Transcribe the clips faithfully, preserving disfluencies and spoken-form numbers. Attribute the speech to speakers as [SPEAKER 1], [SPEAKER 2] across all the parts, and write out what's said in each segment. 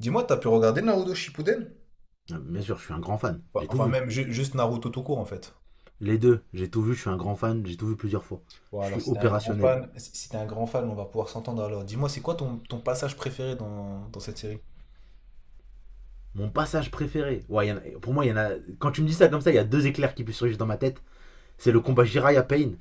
[SPEAKER 1] Dis-moi, t'as pu regarder Naruto Shippuden?
[SPEAKER 2] Bien sûr, je suis un grand fan.
[SPEAKER 1] Enfin,
[SPEAKER 2] J'ai tout
[SPEAKER 1] enfin,
[SPEAKER 2] vu.
[SPEAKER 1] même ju- juste Naruto tout court en fait.
[SPEAKER 2] Les deux, j'ai tout vu. Je suis un grand fan. J'ai tout vu plusieurs fois.
[SPEAKER 1] Bon,
[SPEAKER 2] Je
[SPEAKER 1] alors
[SPEAKER 2] suis
[SPEAKER 1] si t'es un grand
[SPEAKER 2] opérationnel.
[SPEAKER 1] fan, si si t'es un grand fan, on va pouvoir s'entendre alors. Dis-moi, c'est quoi ton, ton passage préféré dans, dans cette série?
[SPEAKER 2] Mon passage préféré. Ouais, y en a- pour moi, il y en a. Quand tu me dis ça comme ça, il y a deux éclairs qui puissent surgir dans ma tête. C'est le combat Jiraiya Pain.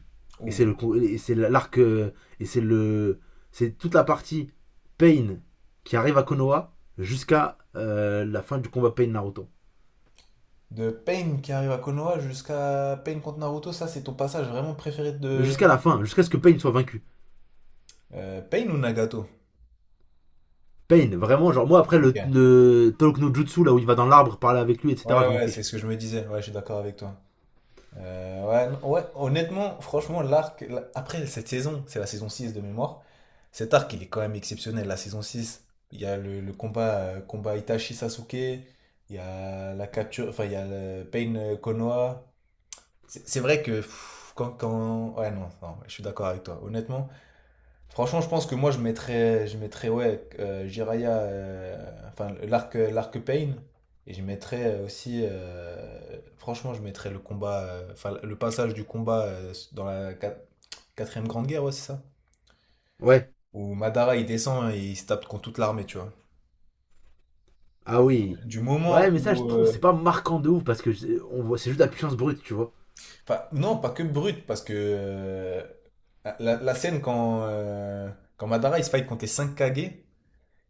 [SPEAKER 2] Et c'est le
[SPEAKER 1] Ouh.
[SPEAKER 2] et c'est l'arc, euh, et c'est le c'est toute la partie Pain qui arrive à Konoha jusqu'à euh, la fin du combat Pain Naruto.
[SPEAKER 1] De Pain qui arrive à Konoha jusqu'à Pain contre Naruto, ça c'est ton passage vraiment préféré de...
[SPEAKER 2] Jusqu'à la fin, jusqu'à ce que Pain soit vaincu.
[SPEAKER 1] Euh, Pain ou Nagato?
[SPEAKER 2] Pain, vraiment, genre moi après
[SPEAKER 1] Ok.
[SPEAKER 2] le, le Talk no Jutsu là où il va dans l'arbre parler avec lui, et cétéra.
[SPEAKER 1] Ouais,
[SPEAKER 2] Je m'en
[SPEAKER 1] ouais, c'est
[SPEAKER 2] fiche.
[SPEAKER 1] ce que je me disais. Ouais, je suis d'accord avec toi. Euh, ouais, non- ouais, honnêtement, franchement, l'arc, la- après cette saison, c'est la saison six de mémoire, cet arc, il est quand même exceptionnel. La saison six, il y a le, le combat, euh, combat Itachi-Sasuke, il y a la capture, enfin, il y a le Pain, euh, Konoha. C'est c'est vrai que pff, quand, quand... Ouais, non, non, je suis d'accord avec toi. Honnêtement, franchement, je pense que moi, je mettrais, je mettrais ouais, euh, Jiraya, euh, enfin, l'arc, l'arc Pain. Et je mettrais aussi, euh, franchement, je mettrais le combat, euh, enfin, le passage du combat euh, dans la quat- quatrième grande guerre, ouais, c'est ça?
[SPEAKER 2] Ouais,
[SPEAKER 1] Où Madara, il descend et il se tape contre toute l'armée, tu vois.
[SPEAKER 2] ah oui.
[SPEAKER 1] Du
[SPEAKER 2] Ouais,
[SPEAKER 1] moment
[SPEAKER 2] mais ça, je
[SPEAKER 1] où,
[SPEAKER 2] trouve, c'est
[SPEAKER 1] euh,
[SPEAKER 2] pas marquant de ouf parce que je- on voit, c'est juste la puissance brute, tu vois.
[SPEAKER 1] enfin, non, pas que brut, parce que euh, la, la scène quand, euh, quand Madara, il se fight contre les cinq Kage,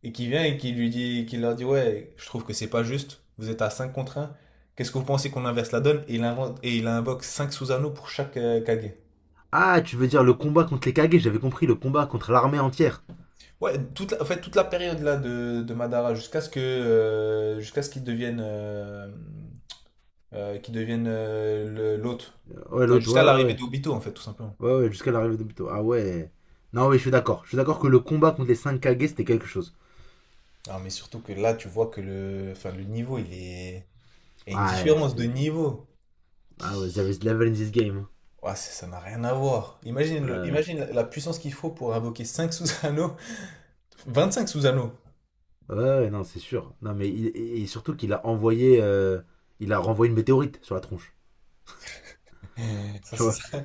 [SPEAKER 1] et qui vient et qui lui dit, qui leur dit, ouais, je trouve que c'est pas juste, vous êtes à cinq contre un. Qu'est-ce que vous pensez qu'on inverse la donne? Et il invente, et il invoque cinq Susanoo pour chaque euh, Kage.
[SPEAKER 2] Ah, tu veux dire le combat contre les Kage, j'avais compris, le combat contre l'armée entière.
[SPEAKER 1] Ouais, toute la, en fait, toute la période là de, de Madara jusqu'à ce que, euh, jusqu'à ce qu'il devienne, euh, euh, qu'il devienne euh, le- l'hôte.
[SPEAKER 2] Euh, Ouais,
[SPEAKER 1] Enfin,
[SPEAKER 2] l'autre, ouais,
[SPEAKER 1] jusqu'à
[SPEAKER 2] ouais,
[SPEAKER 1] l'arrivée
[SPEAKER 2] ouais.
[SPEAKER 1] d'Obito, en fait, tout simplement.
[SPEAKER 2] Ouais, ouais, jusqu'à l'arrivée de Buto. Ah ouais. Non, oui, je suis d'accord. Je suis d'accord que le combat contre les cinq Kage, c'était quelque chose.
[SPEAKER 1] Ah, mais surtout que là, tu vois que le, enfin, le niveau, il est... il y a une
[SPEAKER 2] Ouais,
[SPEAKER 1] différence de
[SPEAKER 2] c'était.
[SPEAKER 1] niveau.
[SPEAKER 2] Ah ouais, there is level in this game,
[SPEAKER 1] Ouais, ça ça n'a rien à voir. Imagine, le...
[SPEAKER 2] hein.
[SPEAKER 1] Imagine la la puissance qu'il faut pour invoquer cinq Susanoo. vingt-cinq Susano.
[SPEAKER 2] Ouais. Ouais, ouais, non, c'est sûr. Non, mais il- et et surtout qu'il a envoyé, euh, il a renvoyé une météorite sur la tronche.
[SPEAKER 1] Ça,
[SPEAKER 2] Tu
[SPEAKER 1] c'est
[SPEAKER 2] vois.
[SPEAKER 1] ça.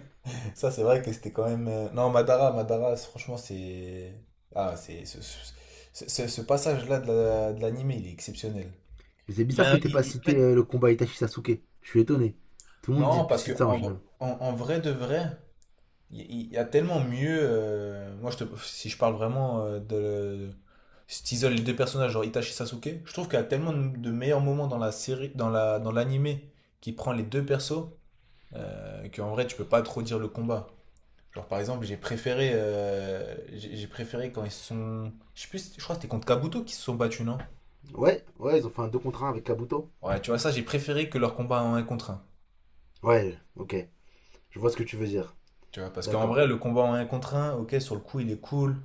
[SPEAKER 1] Ça, c'est vrai que c'était quand même, euh, non, Madara, Madara, c'est, franchement, c'est. Ah, c'est. Ce, ce- ce- ce- passage-là de la- de l'anime, il est exceptionnel.
[SPEAKER 2] C'est
[SPEAKER 1] Il
[SPEAKER 2] bizarre
[SPEAKER 1] a,
[SPEAKER 2] que t'aies pas
[SPEAKER 1] il- il-
[SPEAKER 2] cité
[SPEAKER 1] peut-être.
[SPEAKER 2] euh, le combat Itachi Sasuke. Je suis étonné. Tout le monde
[SPEAKER 1] Non,
[SPEAKER 2] dit,
[SPEAKER 1] parce que
[SPEAKER 2] cite ça en
[SPEAKER 1] en, v-
[SPEAKER 2] général.
[SPEAKER 1] en, en vrai de vrai, il y, il y a tellement mieux, euh, moi, je te, si je parle vraiment euh, de. Si t'isoles les deux personnages, genre Itachi Sasuke, je trouve qu'il y a tellement de, de meilleurs moments dans la série, dans la, dans l'anime qui prend les deux persos, euh, qu'en vrai, tu peux pas trop dire le combat. Genre, par exemple, j'ai préféré, euh, j'ai j'ai préféré quand ils sont. Je sais plus, je crois que c'était contre Kabuto qui se sont battus, non?
[SPEAKER 2] Ouais, ouais, ils ont fait un deux contre un avec Kabuto.
[SPEAKER 1] Ouais, tu vois, ça, j'ai préféré que leur combat en un contre un.
[SPEAKER 2] Ouais, ok. Je vois ce que tu veux dire.
[SPEAKER 1] Tu vois, parce qu'en
[SPEAKER 2] D'accord.
[SPEAKER 1] vrai, le combat en un contre un, ok, sur le coup, il est cool.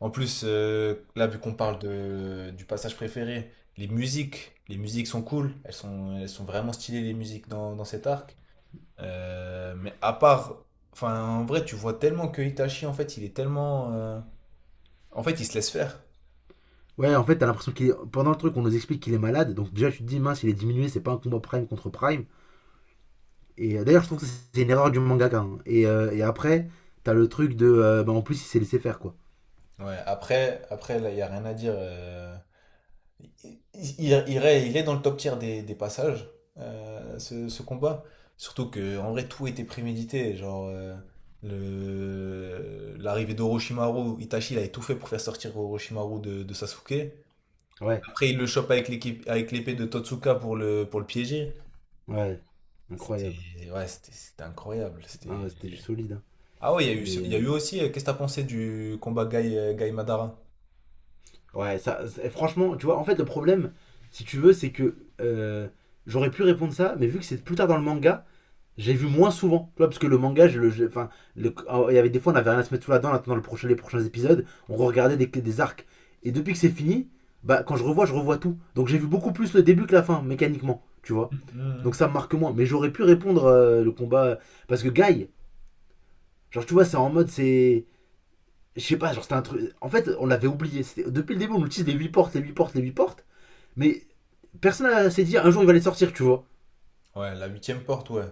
[SPEAKER 1] En plus, euh, là, vu qu'on parle de, du passage préféré, les musiques, les musiques sont cool. Elles sont, elles sont vraiment stylées, les musiques dans, dans cet arc. Euh, mais à part. Enfin, en vrai, tu vois tellement que Itachi, en fait, il est tellement, euh, en fait, il se laisse faire.
[SPEAKER 2] Ouais, en fait, t'as l'impression qu'il est... Pendant le truc, on nous explique qu'il est malade. Donc déjà, tu te dis, mince, il est diminué, c'est pas un combat prime contre prime. Et euh, d'ailleurs, je trouve que c'est une erreur du mangaka, hein. Et, euh, et après, t'as le truc de, euh, bah, en plus, il s'est laissé faire, quoi.
[SPEAKER 1] Ouais, après, après là, il n'y a rien à dire, euh, il, il, il est il est dans le top tier des, des passages, euh, ce, ce combat. Surtout que, en vrai, tout était prémédité. Genre, euh, le, l'arrivée d'Orochimaru, Itachi, il avait tout fait pour faire sortir Orochimaru de, de Sasuke.
[SPEAKER 2] Ouais,
[SPEAKER 1] Après, il le chope avec l'équipe, avec l'épée de Totsuka pour le, pour le piéger.
[SPEAKER 2] ouais. Incroyable.
[SPEAKER 1] C'était, ouais, c'était, c'était incroyable.
[SPEAKER 2] Ah
[SPEAKER 1] C'était...
[SPEAKER 2] ouais, c'était du solide, hein.
[SPEAKER 1] Ah ouais, il y a eu, ce-
[SPEAKER 2] Mais,
[SPEAKER 1] il y a
[SPEAKER 2] euh,
[SPEAKER 1] eu aussi, euh, qu'est-ce que t'as pensé du combat Gai, euh, Gai Madara?
[SPEAKER 2] ouais, ça, c'est- franchement, tu vois, en fait, le problème, si tu veux, c'est que, euh, j'aurais pu répondre ça, mais vu que c'est plus tard dans le manga, j'ai vu moins souvent, tu vois, parce que le manga, je le, je- enfin, le- ah, il y avait des fois, on avait rien à se mettre sous la dent en attendant le prochain, les prochains épisodes, on regardait des, des arcs. Et depuis que c'est fini, bah, quand je revois, je revois tout. Donc j'ai vu beaucoup plus le début que la fin, mécaniquement, tu vois. Donc
[SPEAKER 1] Mhm.
[SPEAKER 2] ça me marque moins. Mais j'aurais pu répondre euh, le combat, parce que Guy, genre, tu vois, c'est en mode, c'est, je sais pas, genre, c'était un truc. En fait, on l'avait oublié. Depuis le début, on utilise les huit portes, les huit portes, les huit portes, mais personne n'a- s'est dit un jour il va les sortir, tu vois.
[SPEAKER 1] Ouais, la huitième porte, ouais.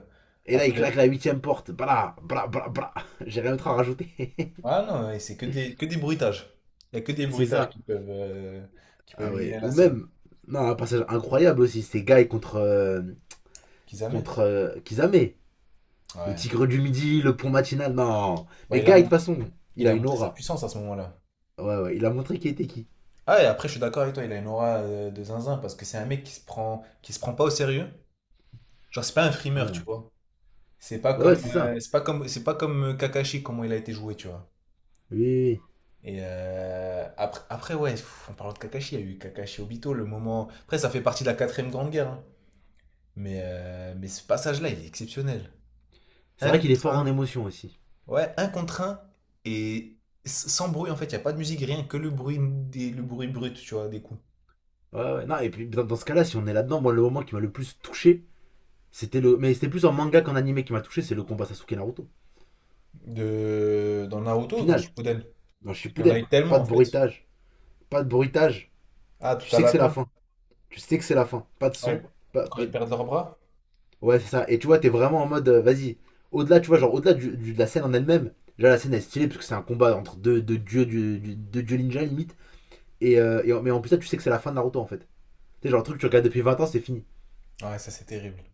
[SPEAKER 2] Et là, il
[SPEAKER 1] Après,
[SPEAKER 2] claque la huitième porte. Bla, bla, bla, bla. J'ai rien d'autre à rajouter.
[SPEAKER 1] ah non, ouais, c'est que des, que des bruitages. Il n'y a que des
[SPEAKER 2] C'est
[SPEAKER 1] bruitages
[SPEAKER 2] ça.
[SPEAKER 1] qui peuvent, euh, qui peuvent
[SPEAKER 2] Ah ouais.
[SPEAKER 1] humilier la
[SPEAKER 2] Ou
[SPEAKER 1] scène.
[SPEAKER 2] même, non, un passage incroyable aussi, c'était Guy contre, euh,
[SPEAKER 1] Kisame?
[SPEAKER 2] contre euh, Kizame. Le
[SPEAKER 1] Ouais.
[SPEAKER 2] tigre du midi, le pont matinal, non.
[SPEAKER 1] Bah,
[SPEAKER 2] Mais
[SPEAKER 1] il
[SPEAKER 2] Guy,
[SPEAKER 1] a
[SPEAKER 2] de toute
[SPEAKER 1] montré,
[SPEAKER 2] façon, il
[SPEAKER 1] il
[SPEAKER 2] a
[SPEAKER 1] a
[SPEAKER 2] une
[SPEAKER 1] montré sa
[SPEAKER 2] aura.
[SPEAKER 1] puissance à ce moment-là.
[SPEAKER 2] Ouais, ouais, il a montré qui était qui.
[SPEAKER 1] Ah, et après, je suis d'accord avec toi, il a une aura euh, de zinzin parce que c'est un mec qui se prend, qui se prend pas au sérieux. Genre, c'est pas un frimeur, tu
[SPEAKER 2] Ouais,
[SPEAKER 1] vois. C'est pas
[SPEAKER 2] ouais, ouais,
[SPEAKER 1] comme,
[SPEAKER 2] c'est ça.
[SPEAKER 1] euh, c'est pas comme, c'est pas comme euh, Kakashi, comment il a été joué, tu vois.
[SPEAKER 2] Oui, oui, oui.
[SPEAKER 1] Et euh, après, après, ouais, pff, en parlant de Kakashi, il y a eu Kakashi Obito, le moment. Après, ça fait partie de la quatrième grande guerre, hein. Mais, euh, mais ce passage-là, il est exceptionnel.
[SPEAKER 2] C'est
[SPEAKER 1] Un
[SPEAKER 2] vrai qu'il est
[SPEAKER 1] contre
[SPEAKER 2] fort
[SPEAKER 1] un.
[SPEAKER 2] en émotion aussi.
[SPEAKER 1] Ouais, un contre un. Et s- sans bruit, en fait, il n'y a pas de musique, rien que le bruit, des, le bruit brut, tu vois, des coups.
[SPEAKER 2] Ouais, ouais. Non, et puis dans, dans ce cas-là, si on est là-dedans, moi, le moment qui m'a le plus touché, c'était le. Mais c'était plus en manga qu'en animé qui m'a touché, c'est le combat Sasuke Naruto.
[SPEAKER 1] De, dans Naruto, dans
[SPEAKER 2] Final,
[SPEAKER 1] Shippuden.
[SPEAKER 2] dans
[SPEAKER 1] Il y en a
[SPEAKER 2] Shippuden.
[SPEAKER 1] eu
[SPEAKER 2] Pas
[SPEAKER 1] tellement, en
[SPEAKER 2] de
[SPEAKER 1] fait.
[SPEAKER 2] bruitage. Pas de bruitage.
[SPEAKER 1] Ah,
[SPEAKER 2] Tu
[SPEAKER 1] tout à
[SPEAKER 2] sais que
[SPEAKER 1] la
[SPEAKER 2] c'est la
[SPEAKER 1] fin.
[SPEAKER 2] fin. Tu sais que c'est la fin. Pas de
[SPEAKER 1] Ouais.
[SPEAKER 2] son. Pas,
[SPEAKER 1] Quand
[SPEAKER 2] pas
[SPEAKER 1] ils
[SPEAKER 2] de-
[SPEAKER 1] perdent leurs bras.
[SPEAKER 2] Ouais, c'est ça. Et tu vois, t'es vraiment en mode, euh, vas-y, au-delà, tu vois, genre, au-delà du- du- de la scène en elle-même, déjà la scène est stylée parce que c'est un combat entre deux, deux dieux, du, du- deux dieux ninja limite. Et, euh, et en- mais en plus, ça, tu sais que c'est la fin de Naruto en fait. Tu sais, genre, le truc que tu regardes depuis vingt ans, c'est fini.
[SPEAKER 1] Ouais, ça, c'est terrible.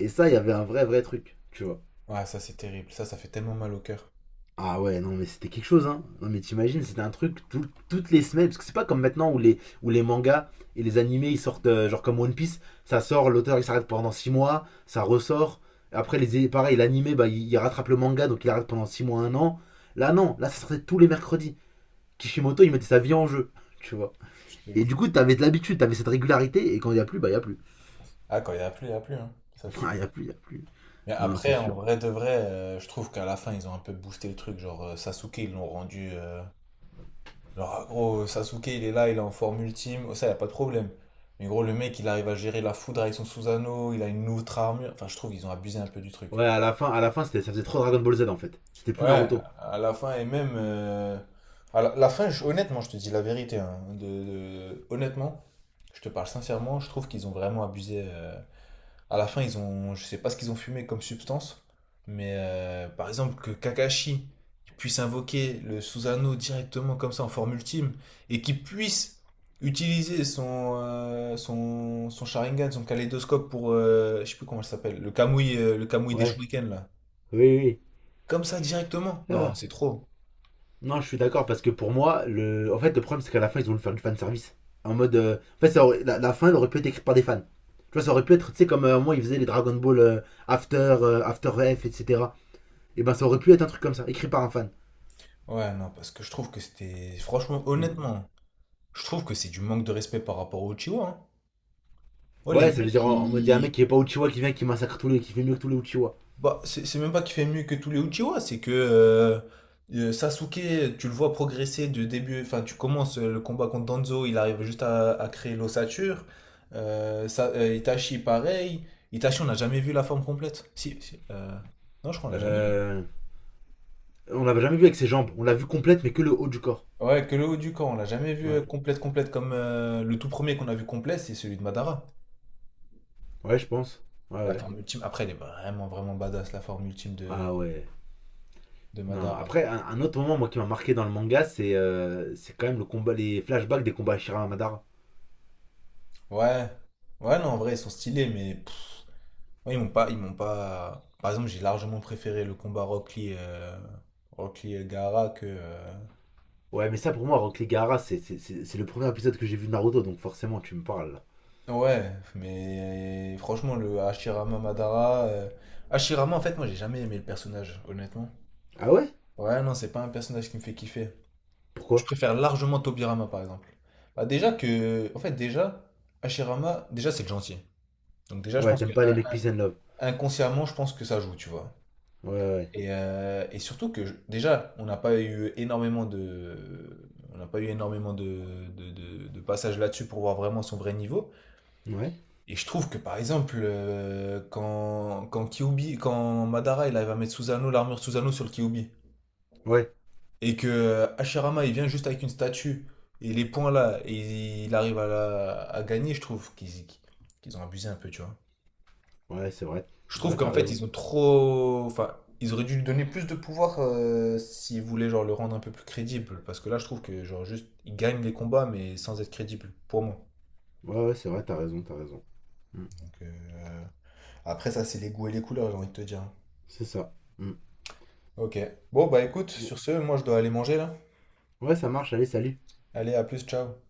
[SPEAKER 2] Et ça, il y avait un vrai, vrai truc, tu vois.
[SPEAKER 1] Ouais, ça, c'est terrible. Ça, ça fait tellement mal au cœur.
[SPEAKER 2] Ah ouais, non, mais c'était quelque chose, hein. Non, mais t'imagines, c'était un truc tout- toutes les semaines. Parce que c'est pas comme maintenant où les, où les mangas et les animés ils sortent, euh, genre comme One Piece, ça sort, l'auteur il s'arrête pendant six mois, ça ressort. Après, les, pareil, l'animé, bah, il, il rattrape le manga, donc il arrête pendant six mois, un an. Là, non, là, ça sortait tous les mercredis. Kishimoto, il mettait sa vie en jeu, tu vois.
[SPEAKER 1] Je te
[SPEAKER 2] Et du
[SPEAKER 1] jure.
[SPEAKER 2] coup, t'avais de l'habitude, t'avais cette régularité, et quand il y a plus, bah, il y a plus.
[SPEAKER 1] Ah, quand il n'y a plus, il n'y a plus, hein. Ça, c'est...
[SPEAKER 2] Ah, il y a plus, il y a plus.
[SPEAKER 1] Mais
[SPEAKER 2] Non, c'est
[SPEAKER 1] après, en
[SPEAKER 2] sûr.
[SPEAKER 1] vrai de vrai, euh, je trouve qu'à la fin, ils ont un peu boosté le truc. Genre, euh, Sasuke, ils l'ont rendu... euh, genre, ah, gros, Sasuke, il est là, il est en forme ultime, ça, y a pas de problème. Mais gros, le mec, il arrive à gérer la foudre avec son Susanoo, il a une autre armure. Enfin, je trouve ils ont abusé un peu du truc.
[SPEAKER 2] Ouais, à la fin, à la fin c'était- ça faisait trop Dragon Ball Z en fait. C'était plus
[SPEAKER 1] Ouais,
[SPEAKER 2] Naruto.
[SPEAKER 1] à la fin, et même, euh, à la, la fin, je- honnêtement, je te dis la vérité, hein. De, de- honnêtement, je te parle sincèrement, je trouve qu'ils ont vraiment abusé, euh, à la fin, ils ont, je sais pas ce qu'ils ont fumé comme substance, mais euh, par exemple que Kakashi puisse invoquer le Susanoo directement comme ça en forme ultime et qu'il puisse utiliser son, euh, son, son Sharingan, son kaléidoscope pour, euh, je sais plus comment ça s'appelle, le Kamui, euh, le Kamui des
[SPEAKER 2] Ouais,
[SPEAKER 1] Shurikens là.
[SPEAKER 2] oui, oui,
[SPEAKER 1] Comme ça directement.
[SPEAKER 2] oui.
[SPEAKER 1] Non,
[SPEAKER 2] Ah.
[SPEAKER 1] c'est trop.
[SPEAKER 2] Non, je suis d'accord parce que pour moi, le... en fait, le problème c'est qu'à la fin ils ont voulu faire du fan service. En mode, euh, en fait, ça aurait- la, la fin elle aurait pu être écrite par des fans. Tu vois, ça aurait pu être, tu sais, comme euh, moi ils faisaient les Dragon Ball euh, After, euh, After F, et cétéra. Et ben, ça aurait pu être un truc comme ça, écrit par un fan.
[SPEAKER 1] Ouais, non, parce que je trouve que c'était, franchement,
[SPEAKER 2] Hmm.
[SPEAKER 1] honnêtement, je trouve que c'est du manque de respect par rapport aux Uchiwa, hein. Ouais, les
[SPEAKER 2] Ouais, ça veut
[SPEAKER 1] mecs,
[SPEAKER 2] dire en, en mode, il y a un
[SPEAKER 1] ils,
[SPEAKER 2] mec qui est pas Uchiwa qui vient qui massacre tous les, qui fait mieux que tous les Uchiwa.
[SPEAKER 1] bah, c'est c'est même pas qu'il fait mieux que tous les Uchiwa, c'est que euh, euh, Sasuke, tu le vois progresser de début, enfin tu commences euh, le combat contre Danzo, il arrive juste à, à créer l'ossature. Euh, Sa- euh, Itachi, pareil. Itachi, on n'a jamais vu la forme complète. Si, si, euh, non, je crois qu'on l'a jamais vu.
[SPEAKER 2] Euh, on l'avait jamais vu avec ses jambes. On l'a vu complète mais que le haut du corps.
[SPEAKER 1] Ouais, que le haut du corps, on l'a jamais vu
[SPEAKER 2] Ouais,
[SPEAKER 1] euh, complète, complète comme euh, le tout premier qu'on a vu complet, c'est celui de Madara.
[SPEAKER 2] ouais, je pense. Ouais,
[SPEAKER 1] La
[SPEAKER 2] ouais.
[SPEAKER 1] forme ultime. Après, elle est vraiment, vraiment badass, la forme ultime de,
[SPEAKER 2] Ah ouais.
[SPEAKER 1] de
[SPEAKER 2] Non,
[SPEAKER 1] Madara.
[SPEAKER 2] après, un, un autre moment moi qui m'a marqué dans le manga, c'est euh, c'est quand même le combat, les flashbacks des combats Shira Madara.
[SPEAKER 1] Ouais. Ouais, non, en vrai, ils sont stylés, mais. Ouais, ils m'ont pas, ils m'ont pas. Par exemple, j'ai largement préféré le combat Rock Lee, euh, Rock Lee Elgara que, euh,
[SPEAKER 2] Ouais, mais ça pour moi, Rock Lee Gaara, c'est c'est- c'est- c'est le premier épisode que j'ai vu de Naruto, donc forcément tu me parles là.
[SPEAKER 1] ouais, mais franchement, le Hashirama Madara, euh, Hashirama, en fait, moi, j'ai jamais aimé le personnage, honnêtement.
[SPEAKER 2] Ah ouais?
[SPEAKER 1] Ouais, non, c'est pas un personnage qui me fait kiffer.
[SPEAKER 2] Pourquoi?
[SPEAKER 1] Je préfère largement Tobirama, par exemple. Bah, déjà que. En fait, déjà, Hashirama, déjà, c'est le gentil. Donc, déjà, je
[SPEAKER 2] Ouais,
[SPEAKER 1] pense
[SPEAKER 2] t'aimes
[SPEAKER 1] que,
[SPEAKER 2] pas les
[SPEAKER 1] un-
[SPEAKER 2] mecs
[SPEAKER 1] un-
[SPEAKER 2] Peace and Love.
[SPEAKER 1] inconsciemment, je pense que ça joue, tu vois.
[SPEAKER 2] Ouais, ouais.
[SPEAKER 1] Et, euh, et surtout que je- déjà, on n'a pas eu énormément de, on n'a pas eu énormément de, de, de- de passages là-dessus pour voir vraiment son vrai niveau.
[SPEAKER 2] Ouais?
[SPEAKER 1] Et je trouve que par exemple, euh, quand, quand Kyuubi, quand Madara il arrive à mettre Susanoo, l'armure Susanoo sur le Kyuubi,
[SPEAKER 2] Ouais,
[SPEAKER 1] et que euh, Hashirama il vient juste avec une statue et les points là, et il arrive à, la- à gagner, je trouve qu'ils qu'ils ont abusé un peu, tu vois.
[SPEAKER 2] ouais, ouais, c'est vrai.
[SPEAKER 1] Je trouve
[SPEAKER 2] Ouais, t'as
[SPEAKER 1] qu'en fait,
[SPEAKER 2] raison.
[SPEAKER 1] ils ont trop. Enfin, ils auraient dû lui donner plus de pouvoir euh, s'ils voulaient genre, le rendre un peu plus crédible. Parce que là, je trouve que genre juste, il gagne les combats, mais sans être crédible, pour moi.
[SPEAKER 2] Ouais, ouais, c'est vrai, t'as raison, t'as raison. Mm.
[SPEAKER 1] Donc, euh, après, ça, c'est les goûts et les couleurs, j'ai envie de te dire.
[SPEAKER 2] C'est ça. Mm.
[SPEAKER 1] Ok. Bon, bah écoute,
[SPEAKER 2] Bon.
[SPEAKER 1] sur ce, moi, je dois aller manger là.
[SPEAKER 2] Ouais, ça marche, allez, salut.
[SPEAKER 1] Allez, à plus, ciao.